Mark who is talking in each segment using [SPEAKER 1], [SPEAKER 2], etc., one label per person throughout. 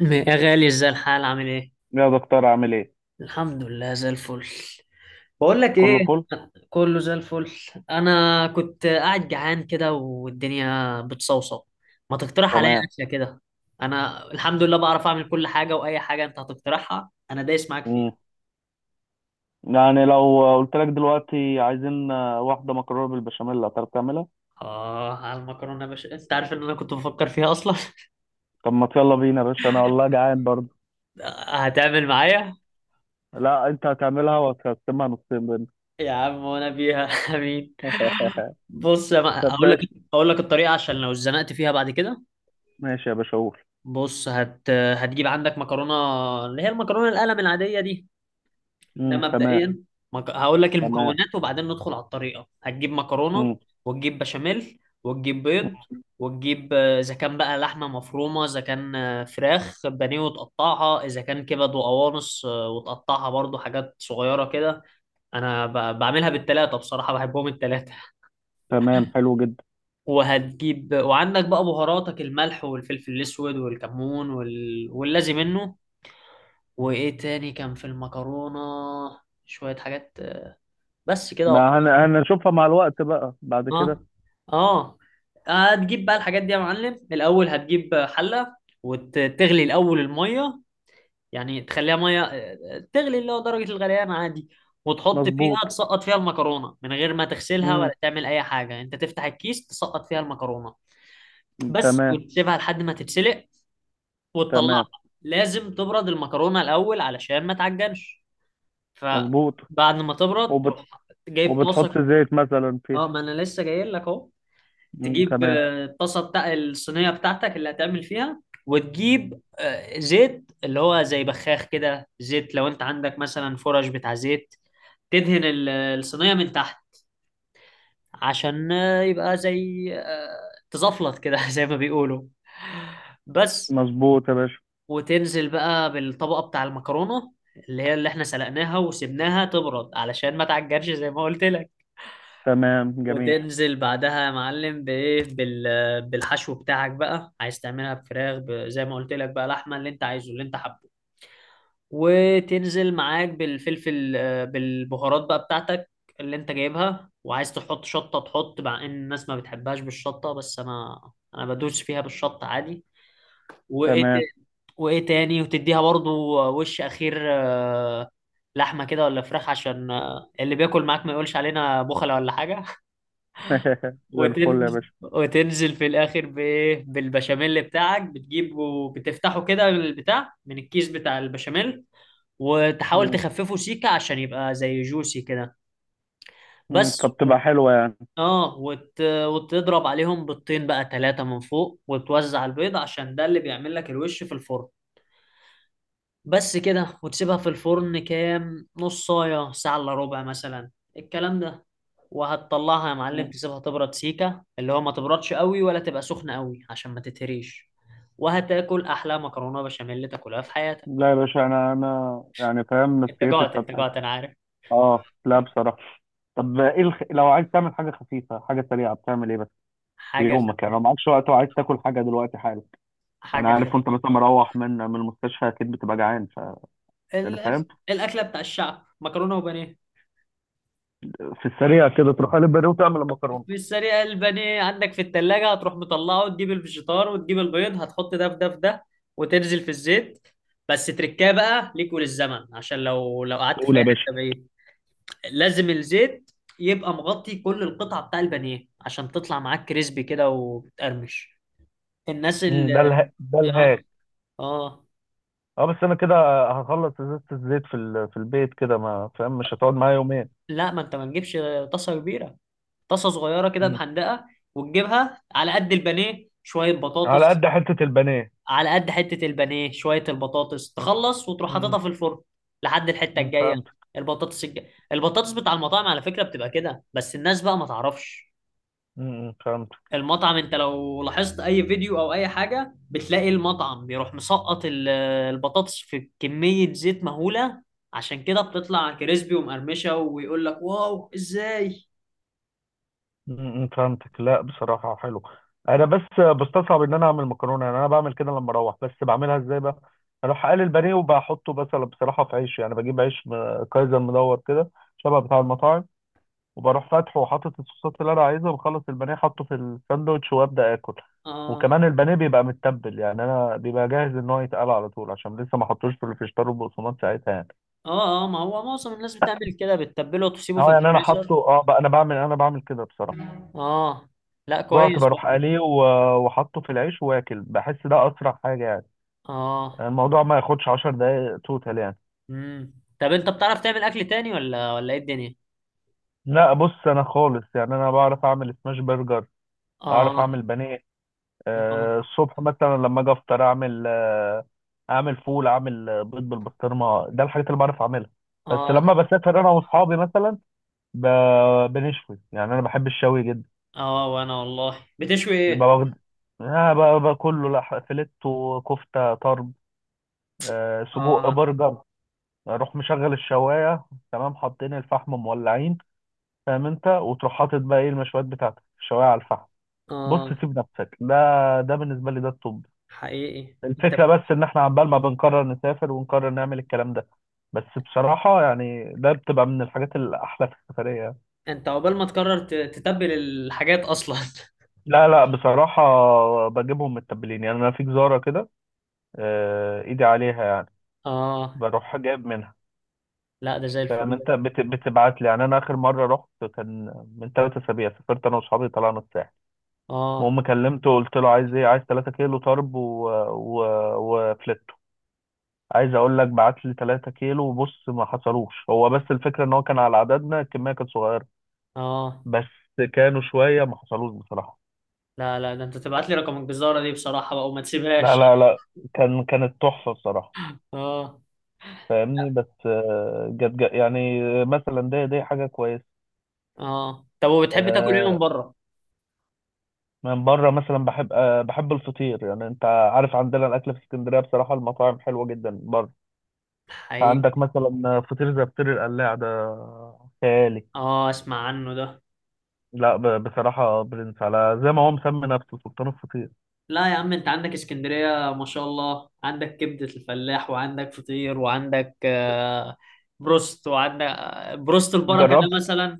[SPEAKER 1] يا غالي، ازاي الحال عامل ايه؟
[SPEAKER 2] يا دكتور، عامل ايه؟
[SPEAKER 1] الحمد لله زي الفل. بقول لك
[SPEAKER 2] كله
[SPEAKER 1] ايه،
[SPEAKER 2] فل.
[SPEAKER 1] كله زي الفل. انا كنت قاعد جعان كده والدنيا بتصوصو. ما تقترح عليا
[SPEAKER 2] تمام.
[SPEAKER 1] اكله كده؟ انا الحمد لله بعرف اعمل كل حاجه، واي حاجه انت هتقترحها انا دايس معاك فيها.
[SPEAKER 2] مم. يعني لو قلت لك دلوقتي عايزين، واحده مكرونه بالبشاميل، هتعرف تعملها؟
[SPEAKER 1] اه، على المكرونه يا باشا، انت عارف ان انا كنت بفكر فيها اصلا.
[SPEAKER 2] طب ما يلا بينا يا باشا، انا والله جعان برضه.
[SPEAKER 1] هتعمل معايا؟
[SPEAKER 2] لا، انت هتعملها وهتقسمها نصين بينا.
[SPEAKER 1] يا عم وانا بيها. امين. بص يا ما...
[SPEAKER 2] طب
[SPEAKER 1] اقول لك.
[SPEAKER 2] ماشي.
[SPEAKER 1] اقول لك الطريقه عشان لو اتزنقت فيها بعد كده.
[SPEAKER 2] ماشي يا باشا، قول.
[SPEAKER 1] بص، هتجيب عندك مكرونة، اللي هي المكرونة القلم العادية دي. ده
[SPEAKER 2] مم. تمام.
[SPEAKER 1] مبدئيا. هقول لك
[SPEAKER 2] تمام.
[SPEAKER 1] المكونات وبعدين ندخل على الطريقة. هتجيب مكرونة
[SPEAKER 2] مم.
[SPEAKER 1] وتجيب بشاميل وتجيب بيض، وتجيب إذا كان بقى لحمة مفرومة، إذا كان فراخ بانيه وتقطعها، إذا كان كبد وقوانص وتقطعها برضو حاجات صغيرة كده. أنا بعملها بالتلاتة، بصراحة بحبهم التلاتة.
[SPEAKER 2] تمام، حلو جدا.
[SPEAKER 1] وهتجيب، وعندك بقى بهاراتك، الملح والفلفل الأسود والكمون واللازم منه. وايه تاني كان في المكرونة؟ شوية حاجات. بس كده وخلاص.
[SPEAKER 2] ما هن... هنشوفها مع الوقت بقى بعد كده.
[SPEAKER 1] اه. اه. هتجيب بقى الحاجات دي يا معلم. الاول هتجيب حلة وتغلي الاول المية، يعني تخليها مية، تغلي اللي هو درجة الغليان عادي. وتحط فيها،
[SPEAKER 2] مظبوط.
[SPEAKER 1] تسقط فيها المكرونة من غير ما تغسلها ولا
[SPEAKER 2] مم.
[SPEAKER 1] تعمل اي حاجة. انت تفتح الكيس، تسقط فيها المكرونة بس،
[SPEAKER 2] تمام.
[SPEAKER 1] وتسيبها لحد ما تتسلق وتطلعها.
[SPEAKER 2] تمام.
[SPEAKER 1] لازم تبرد المكرونة الاول علشان ما تعجنش،
[SPEAKER 2] مظبوط.
[SPEAKER 1] فبعد ما تبرد
[SPEAKER 2] وبت...
[SPEAKER 1] تروح جايب طاسه.
[SPEAKER 2] وبتحط زيت مثلا فيها.
[SPEAKER 1] اه، ما انا لسه جاي لك اهو.
[SPEAKER 2] مم.
[SPEAKER 1] تجيب
[SPEAKER 2] تمام.
[SPEAKER 1] الطاسه بتاع الصينيه بتاعتك اللي هتعمل فيها، وتجيب زيت، اللي هو زي بخاخ كده، زيت لو انت عندك مثلا فرش بتاع زيت، تدهن الصينيه من تحت عشان يبقى زي تزفلط كده، زي ما بيقولوا. بس.
[SPEAKER 2] مظبوط يا باشا.
[SPEAKER 1] وتنزل بقى بالطبقه بتاع المكرونه اللي هي اللي احنا سلقناها وسبناها تبرد علشان ما تعجنش زي ما قلت لك.
[SPEAKER 2] تمام، جميل.
[SPEAKER 1] وتنزل بعدها يا معلم بايه، بالحشو بتاعك بقى. عايز تعملها بفراخ، زي ما قلت لك بقى، لحمه، اللي انت عايزه، اللي انت حابه. وتنزل معاك بالفلفل بالبهارات بقى بتاعتك اللي انت جايبها، وعايز تحط شطه تحط. مع ان الناس ما بتحبهاش بالشطه، بس انا، انا بدوس فيها بالشطه عادي. وايه ت-
[SPEAKER 2] تمام.
[SPEAKER 1] وايه تاني؟ وتديها برضو وش اخير لحمه كده ولا فراخ، عشان اللي بياكل معاك ما يقولش علينا بخله ولا حاجه.
[SPEAKER 2] زي الفل يا
[SPEAKER 1] وتنزل
[SPEAKER 2] باشا.
[SPEAKER 1] وتنزل في الاخر بايه، بالبشاميل بتاعك، بتجيبه بتفتحه كده البتاع من الكيس بتاع البشاميل، وتحاول
[SPEAKER 2] مم.
[SPEAKER 1] تخففه سيكه عشان يبقى زي جوسي كده. بس.
[SPEAKER 2] فبتبقى حلوة يعني.
[SPEAKER 1] اه، وتضرب عليهم بيضتين بقى، ثلاثه من فوق، وتوزع البيض عشان ده اللي بيعمل لك الوش في الفرن. بس كده، وتسيبها في الفرن كام نص ساعه، ساعه الا ربع مثلا، الكلام ده. وهتطلعها يا معلم،
[SPEAKER 2] مم.
[SPEAKER 1] تسيبها تبرد سيكة، اللي هو ما تبردش قوي ولا تبقى سخنة قوي عشان ما تتهريش. وهتاكل أحلى مكرونة بشاميل تاكلها في حياتك.
[SPEAKER 2] لا يا باشا، أنا يعني فاهم،
[SPEAKER 1] أنت
[SPEAKER 2] نفسيتي
[SPEAKER 1] جعت، أنت
[SPEAKER 2] اتفتحت.
[SPEAKER 1] جعت، أنا عارف.
[SPEAKER 2] أه، لا بصراحة. طب إيه لو عايز تعمل حاجة خفيفة، حاجة سريعة، بتعمل إيه بس في
[SPEAKER 1] حاجة
[SPEAKER 2] يومك؟
[SPEAKER 1] خف.
[SPEAKER 2] يعني لو معكش وقت وعايز تاكل حاجة دلوقتي حالا.
[SPEAKER 1] حاجة
[SPEAKER 2] أنا عارف.
[SPEAKER 1] خف.
[SPEAKER 2] وأنت مثلا مروح من المستشفى، أكيد بتبقى جعان يعني فاهم.
[SPEAKER 1] الأكلة بتاع الشعب، مكرونة وبانيه.
[SPEAKER 2] في السريع كده، تروح قلب بانيه وتعمل المكرونة.
[SPEAKER 1] في السريع البانيه عندك في التلاجة، هتروح مطلعه وتجيب الفيجيتار وتجيب البيض، هتحط ده في ده في ده وتنزل في الزيت. بس تركاه بقى ليك وللزمن، عشان لو قعدت
[SPEAKER 2] قول
[SPEAKER 1] في أي
[SPEAKER 2] يا باشا.
[SPEAKER 1] حتة بعيد، لازم الزيت يبقى مغطي كل القطعة بتاع البانيه عشان تطلع معاك كريسبي كده وبتقرمش. الناس
[SPEAKER 2] مم.
[SPEAKER 1] اللي
[SPEAKER 2] ده
[SPEAKER 1] اه.
[SPEAKER 2] الهاي.
[SPEAKER 1] اه.
[SPEAKER 2] اه، بس انا كده هخلص ازازه الزيت في البيت، كده ما فاهم، مش هتقعد معايا يومين.
[SPEAKER 1] لا، ما انت ما تجيبش طاسة كبيرة، طاسة صغيرة كده
[SPEAKER 2] مم.
[SPEAKER 1] محندقة، وتجيبها على قد البانيه، شوية
[SPEAKER 2] على
[SPEAKER 1] بطاطس
[SPEAKER 2] قد حته البانيه.
[SPEAKER 1] على قد حتة البانيه، شوية البطاطس تخلص وتروح حاططها
[SPEAKER 2] مم.
[SPEAKER 1] في الفرن لحد الحتة الجاية.
[SPEAKER 2] فهمت.
[SPEAKER 1] البطاطس الج... البطاطس بتاع المطاعم على فكرة بتبقى كده، بس الناس بقى ما تعرفش.
[SPEAKER 2] فهمت.
[SPEAKER 1] المطعم، انت لو لاحظت اي فيديو او اي حاجه، بتلاقي المطعم بيروح مسقط البطاطس في كميه زيت مهوله، عشان كده بتطلع كريسبي ومقرمشه ويقول لك واو ازاي.
[SPEAKER 2] فهمتك. لا بصراحه حلو. انا بس بستصعب ان انا اعمل مكرونه، يعني انا بعمل كده لما اروح، بس بعملها ازاي بقى؟ اروح اقلي البانيه وبحطه مثلا بصراحه في عيش، يعني بجيب عيش كايزر مدور كده، شبه بتاع المطاعم، وبروح فاتحه وحاطط الصوصات اللي انا عايزها، وبخلص البانيه، حاطه في الساندوتش وابدا اكل.
[SPEAKER 1] اه.
[SPEAKER 2] وكمان البانيه بيبقى متبل، يعني انا بيبقى جاهز ان هو يتقال على طول، عشان لسه ما حطوش في الفيجيتار والبقسماط ساعتها يعني.
[SPEAKER 1] اه. اه، ما هو معظم الناس بتعمل كده، بتتبله وتسيبه في
[SPEAKER 2] اه، يعني انا حاطه،
[SPEAKER 1] الفريزر.
[SPEAKER 2] اه بقى، انا بعمل كده بصراحه.
[SPEAKER 1] اه لا
[SPEAKER 2] جوعت،
[SPEAKER 1] كويس
[SPEAKER 2] بروح
[SPEAKER 1] برضه.
[SPEAKER 2] قليه وحاطه في العيش واكل. بحس ده اسرع حاجه يعني.
[SPEAKER 1] اه.
[SPEAKER 2] الموضوع ما ياخدش 10 دقايق توتال يعني.
[SPEAKER 1] امم. طب انت بتعرف تعمل اكل تاني ولا ايه الدنيا؟
[SPEAKER 2] لا بص، انا خالص يعني انا بعرف اعمل سماش برجر. اعرف
[SPEAKER 1] اه.
[SPEAKER 2] اعمل بانيه.
[SPEAKER 1] اه.
[SPEAKER 2] الصبح مثلا لما اجي افطر، اعمل اعمل فول، اعمل بيض بالبسطرمه. ده الحاجات اللي بعرف اعملها. بس
[SPEAKER 1] اه.
[SPEAKER 2] لما بسافر انا واصحابي مثلا، بنشوي. يعني انا بحب الشوي جدا.
[SPEAKER 1] اه. وانا والله بتشوي ايه؟
[SPEAKER 2] ببقى واخد كله فيليتو، كفته، طرب، سجق،
[SPEAKER 1] اه.
[SPEAKER 2] برجر. اروح مشغل الشوايه، تمام، حاطين الفحم مولعين، فاهم انت، وتروح حاطط بقى ايه المشويات بتاعتك، الشوايه على الفحم. بص
[SPEAKER 1] اه.
[SPEAKER 2] سيب نفسك. ده ده بالنسبه لي ده الطب.
[SPEAKER 1] حقيقي انت.
[SPEAKER 2] الفكرة بس إن إحنا عمال ما بنقرر نسافر ونقرر نعمل الكلام ده. بس بصراحة يعني، ده بتبقى من الحاجات الأحلى في السفرية يعني.
[SPEAKER 1] انت عقبال ما تقرر تتبل الحاجات اصلا.
[SPEAKER 2] لا لا بصراحة، بجيبهم متبلين، يعني أنا في جزارة كده، إيدي عليها يعني،
[SPEAKER 1] اه
[SPEAKER 2] بروح جايب منها.
[SPEAKER 1] لا، ده زي
[SPEAKER 2] فاهم
[SPEAKER 1] الفل
[SPEAKER 2] أنت،
[SPEAKER 1] ده.
[SPEAKER 2] بتبعت لي يعني. أنا آخر مرة رحت كان من ثلاث أسابيع، سافرت أنا وأصحابي، طلعنا الساحل.
[SPEAKER 1] اه.
[SPEAKER 2] المهم كلمته، قلت له عايز إيه؟ عايز 3 كيلو طرب و... و... وفلت. عايز اقول لك، بعت لي 3 كيلو وبص، ما حصلوش، هو بس الفكره ان هو كان على عددنا، الكميه كانت صغيره
[SPEAKER 1] اه.
[SPEAKER 2] بس، كانوا شويه، ما حصلوش بصراحه.
[SPEAKER 1] لا، لا، ده انت تبعت لي رقم الجزارة دي بصراحة بقى، وما
[SPEAKER 2] لا
[SPEAKER 1] تسيبهاش.
[SPEAKER 2] لا لا، كانت تحفه بصراحه،
[SPEAKER 1] اه.
[SPEAKER 2] فاهمني. بس جت جت يعني مثلا، دي حاجه كويسه.
[SPEAKER 1] اه. طب وبتحب تاكل ايه من
[SPEAKER 2] آه،
[SPEAKER 1] بره؟
[SPEAKER 2] من بره مثلا بحب الفطير. يعني انت عارف عندنا الاكل في اسكندريه، بصراحه المطاعم حلوه جدا بره.
[SPEAKER 1] حقيقي.
[SPEAKER 2] عندك مثلا فطير زي فطير القلاع ده، خيالي.
[SPEAKER 1] اه اسمع عنه ده.
[SPEAKER 2] لا بصراحه برنس، على زي ما هو مسمي نفسه سلطان الفطير.
[SPEAKER 1] لا يا عم، انت عندك اسكندرية ما شاء الله، عندك كبدة الفلاح وعندك فطير وعندك بروست، وعندك بروست البركة
[SPEAKER 2] جربت؟
[SPEAKER 1] ده مثلا،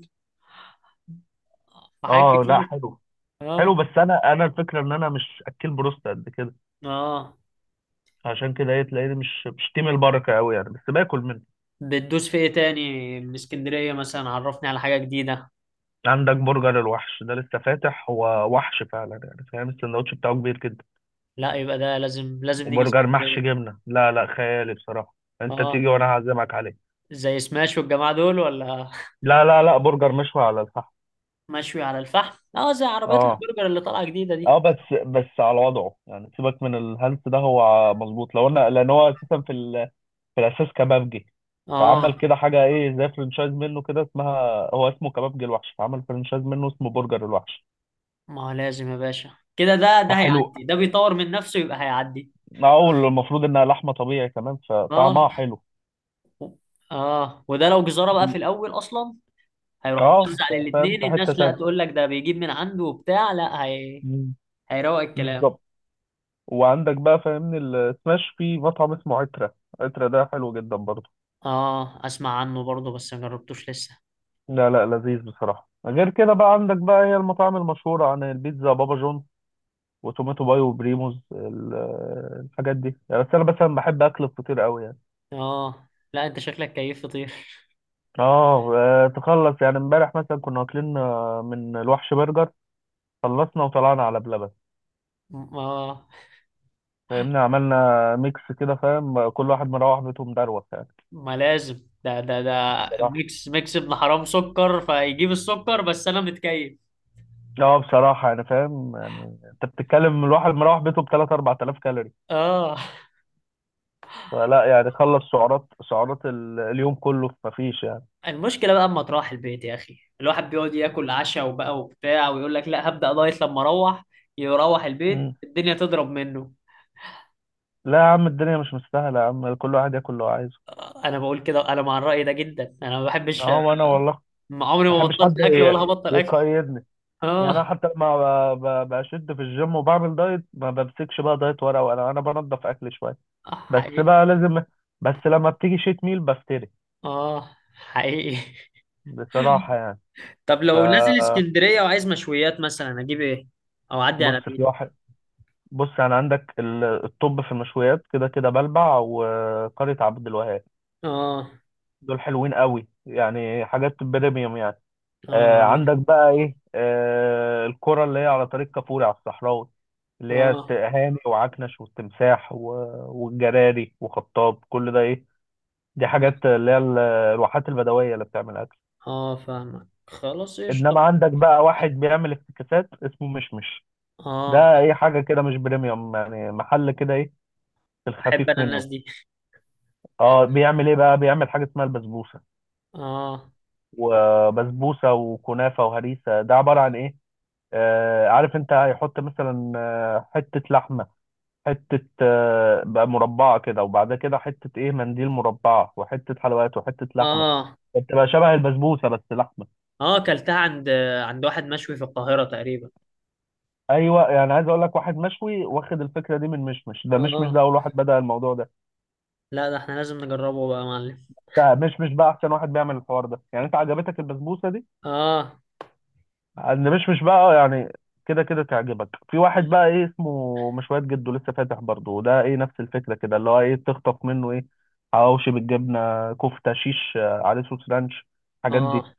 [SPEAKER 1] وحاجات
[SPEAKER 2] اه، لا
[SPEAKER 1] كتير.
[SPEAKER 2] حلو.
[SPEAKER 1] اه.
[SPEAKER 2] حلو بس انا الفكره ان انا مش اكل بروست قد كده،
[SPEAKER 1] اه.
[SPEAKER 2] عشان كده ايه تلاقيني مش تيم البركه قوي يعني، بس باكل منه.
[SPEAKER 1] بتدوس في ايه تاني من اسكندرية مثلا؟ عرفني على حاجة جديدة.
[SPEAKER 2] عندك برجر الوحش ده، لسه فاتح هو، وحش فعلا يعني، فاهم، السندوتش بتاعه كبير جدا.
[SPEAKER 1] لا يبقى ده لازم لازم نيجي
[SPEAKER 2] وبرجر محشي
[SPEAKER 1] اسكندرية.
[SPEAKER 2] جبنه، لا لا، خيالي بصراحه. انت
[SPEAKER 1] اه،
[SPEAKER 2] تيجي وانا هعزمك عليه.
[SPEAKER 1] زي سماش والجماعة دول ولا؟
[SPEAKER 2] لا لا لا، برجر مشوي على الفحم.
[SPEAKER 1] مشوي على الفحم. اه زي عربيات
[SPEAKER 2] اه
[SPEAKER 1] البرجر اللي طالعة جديدة
[SPEAKER 2] اه،
[SPEAKER 1] دي.
[SPEAKER 2] بس بس على وضعه يعني، سيبك من الهلس ده. هو مظبوط، لو انا، لان هو اساسا في الاساس كبابجي، فعمل
[SPEAKER 1] اه،
[SPEAKER 2] كده حاجه ايه زي فرنشايز منه كده اسمها، هو اسمه كبابجي الوحش، فعمل فرنشايز منه اسمه برجر الوحش،
[SPEAKER 1] ما هو لازم يا باشا كده، ده
[SPEAKER 2] فحلو.
[SPEAKER 1] هيعدي، ده بيطور من نفسه يبقى هيعدي.
[SPEAKER 2] اول، المفروض انها لحمه طبيعي كمان،
[SPEAKER 1] اه.
[SPEAKER 2] فطعمها حلو.
[SPEAKER 1] اه. وده لو جزارة بقى في الاول اصلا، هيروح
[SPEAKER 2] اه،
[SPEAKER 1] موزع
[SPEAKER 2] فاهم
[SPEAKER 1] للاتنين.
[SPEAKER 2] في حته
[SPEAKER 1] الناس لا
[SPEAKER 2] تانية.
[SPEAKER 1] تقول لك ده بيجيب من عنده وبتاع، لا، هي
[SPEAKER 2] مم.
[SPEAKER 1] هيروق الكلام.
[SPEAKER 2] بالظبط. وعندك بقى فاهمني، السماش في مطعم اسمه عترة، ده حلو جدا برضه.
[SPEAKER 1] اه اسمع عنه برضه، بس ما جربتوش لسه.
[SPEAKER 2] لا لا، لذيذ بصراحة. غير كده بقى عندك بقى هي المطاعم المشهورة عن البيتزا، بابا جونز وتوماتو باي وبريموز، الحاجات دي يعني. بس انا مثلا بحب اكل الفطير قوي يعني.
[SPEAKER 1] اه لا انت شكلك كيف فطير.
[SPEAKER 2] اه، تخلص يعني، امبارح مثلا كنا واكلين من الوحش برجر، خلصنا وطلعنا على بلبن،
[SPEAKER 1] ما
[SPEAKER 2] فاهمني، عملنا ميكس كده، فاهم، كل واحد مروح بيته مدروخ يعني،
[SPEAKER 1] ما لازم، ده.
[SPEAKER 2] بصراحة.
[SPEAKER 1] ميكس، ميكس ابن حرام، سكر فيجيب السكر، بس انا متكيف.
[SPEAKER 2] اه بصراحة، يعني فاهم يعني، انت بتتكلم، الواحد مروح بيته بتلات أربع آلاف كالوري،
[SPEAKER 1] اه،
[SPEAKER 2] فلا يعني، خلص سعرات، اليوم كله في مفيش يعني.
[SPEAKER 1] المشكله بقى اما تروح البيت يا اخي، الواحد بيقعد ياكل عشاء وبقى وبتاع، ويقول لك لا هبدا دايت لما اروح، يروح البيت
[SPEAKER 2] مم.
[SPEAKER 1] الدنيا تضرب منه.
[SPEAKER 2] لا يا عم، الدنيا مش مستاهلة يا عم، كل واحد ياكل اللي هو عايزه.
[SPEAKER 1] انا بقول كده، انا مع الراي ده جدا، انا ما بحبش.
[SPEAKER 2] اه، وانا والله
[SPEAKER 1] ما عمري
[SPEAKER 2] ما
[SPEAKER 1] ما
[SPEAKER 2] احبش حد
[SPEAKER 1] بطلت اكل ولا هبطل اكل.
[SPEAKER 2] يقيدني. يعني انا
[SPEAKER 1] اه.
[SPEAKER 2] حتى لما بشد في الجيم وبعمل دايت، ما بمسكش بقى دايت ورقه وقلم، انا بنضف اكل شويه، بس
[SPEAKER 1] حقيقي.
[SPEAKER 2] بقى لازم، بس لما بتيجي شيت ميل بفتري
[SPEAKER 1] اه حقيقي.
[SPEAKER 2] بصراحه يعني.
[SPEAKER 1] طب
[SPEAKER 2] ف
[SPEAKER 1] لو نازل اسكندرية وعايز مشويات مثلا، اجيب ايه او اعدي على
[SPEAKER 2] بص، في
[SPEAKER 1] بيت؟
[SPEAKER 2] واحد، بص يعني عندك الطب في المشويات كده كده، بلبع وقرية عبد الوهاب،
[SPEAKER 1] اه.
[SPEAKER 2] دول حلوين قوي يعني، حاجات بريميوم يعني.
[SPEAKER 1] اه.
[SPEAKER 2] عندك بقى ايه، الكرة اللي هي على طريق كفوري على الصحراوي، اللي هي
[SPEAKER 1] اه.
[SPEAKER 2] هاني وعكنش والتمساح والجراري وخطاب، كل ده ايه، دي حاجات اللي هي الواحات البدوية اللي بتعمل اكل.
[SPEAKER 1] اه. فاهمك خلاص، ايش طب؟
[SPEAKER 2] انما عندك بقى واحد بيعمل افتكاسات، اسمه مشمش.
[SPEAKER 1] اه.
[SPEAKER 2] ده ايه، حاجة كده مش بريميوم يعني، محل كده ايه، في
[SPEAKER 1] احب
[SPEAKER 2] الخفيف
[SPEAKER 1] انا الناس
[SPEAKER 2] منه.
[SPEAKER 1] دي.
[SPEAKER 2] اه، بيعمل ايه بقى، بيعمل حاجة اسمها البسبوسة،
[SPEAKER 1] اه.
[SPEAKER 2] وبسبوسة وكنافة وهريسة. ده عبارة عن ايه؟ عارف انت، هيحط مثلا حتة لحمة، حتة بقى مربعة كده، وبعدها كده حتة ايه، منديل مربعة، وحتة حلويات، وحتة لحمة،
[SPEAKER 1] اه.
[SPEAKER 2] بتبقى شبه البسبوسة بس لحمة.
[SPEAKER 1] اه. اكلتها عند واحد مشوي في القاهرة تقريبا.
[SPEAKER 2] ايوه، يعني عايز اقول لك، واحد مشوي واخد الفكرة دي من مشمش، ده مشمش
[SPEAKER 1] اه
[SPEAKER 2] ده اول واحد بدأ الموضوع ده.
[SPEAKER 1] لا، ده احنا لازم نجربه بقى يا معلم.
[SPEAKER 2] ده مشمش بقى احسن واحد بيعمل الحوار ده يعني. انت عجبتك البسبوسة دي،
[SPEAKER 1] اه.
[SPEAKER 2] اللي مش بقى يعني. كده كده تعجبك في واحد بقى ايه، اسمه مشويات جدو، لسه فاتح برضه. وده ايه نفس الفكره كده، اللي هو ايه تخطف منه ايه، حواوشي بالجبنه، كفته شيش عليه صوص رانش، الحاجات دي،
[SPEAKER 1] اه.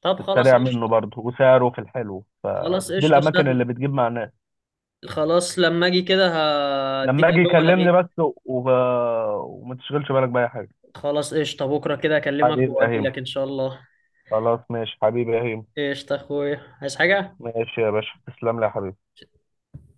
[SPEAKER 1] طب خلاص
[SPEAKER 2] السريع منه
[SPEAKER 1] قشطة.
[SPEAKER 2] برضه وسعره في الحلو،
[SPEAKER 1] خلاص
[SPEAKER 2] فدي
[SPEAKER 1] قشطة
[SPEAKER 2] الاماكن اللي
[SPEAKER 1] سهلة.
[SPEAKER 2] بتجيب مع الناس.
[SPEAKER 1] خلاص لما اجي كده هديك
[SPEAKER 2] لما اجي
[SPEAKER 1] الو ولا
[SPEAKER 2] كلمني
[SPEAKER 1] غير.
[SPEAKER 2] بس، وما تشغلش بالك باي حاجه.
[SPEAKER 1] خلاص قشطة، بكرة كده اكلمك
[SPEAKER 2] حبيبي يا هيم.
[SPEAKER 1] واجيلك ان شاء الله.
[SPEAKER 2] خلاص ماشي حبيبي يا هيم.
[SPEAKER 1] ايش اخوي، عايز حاجة؟
[SPEAKER 2] ماشي يا باشا، تسلم لي يا حبيبي.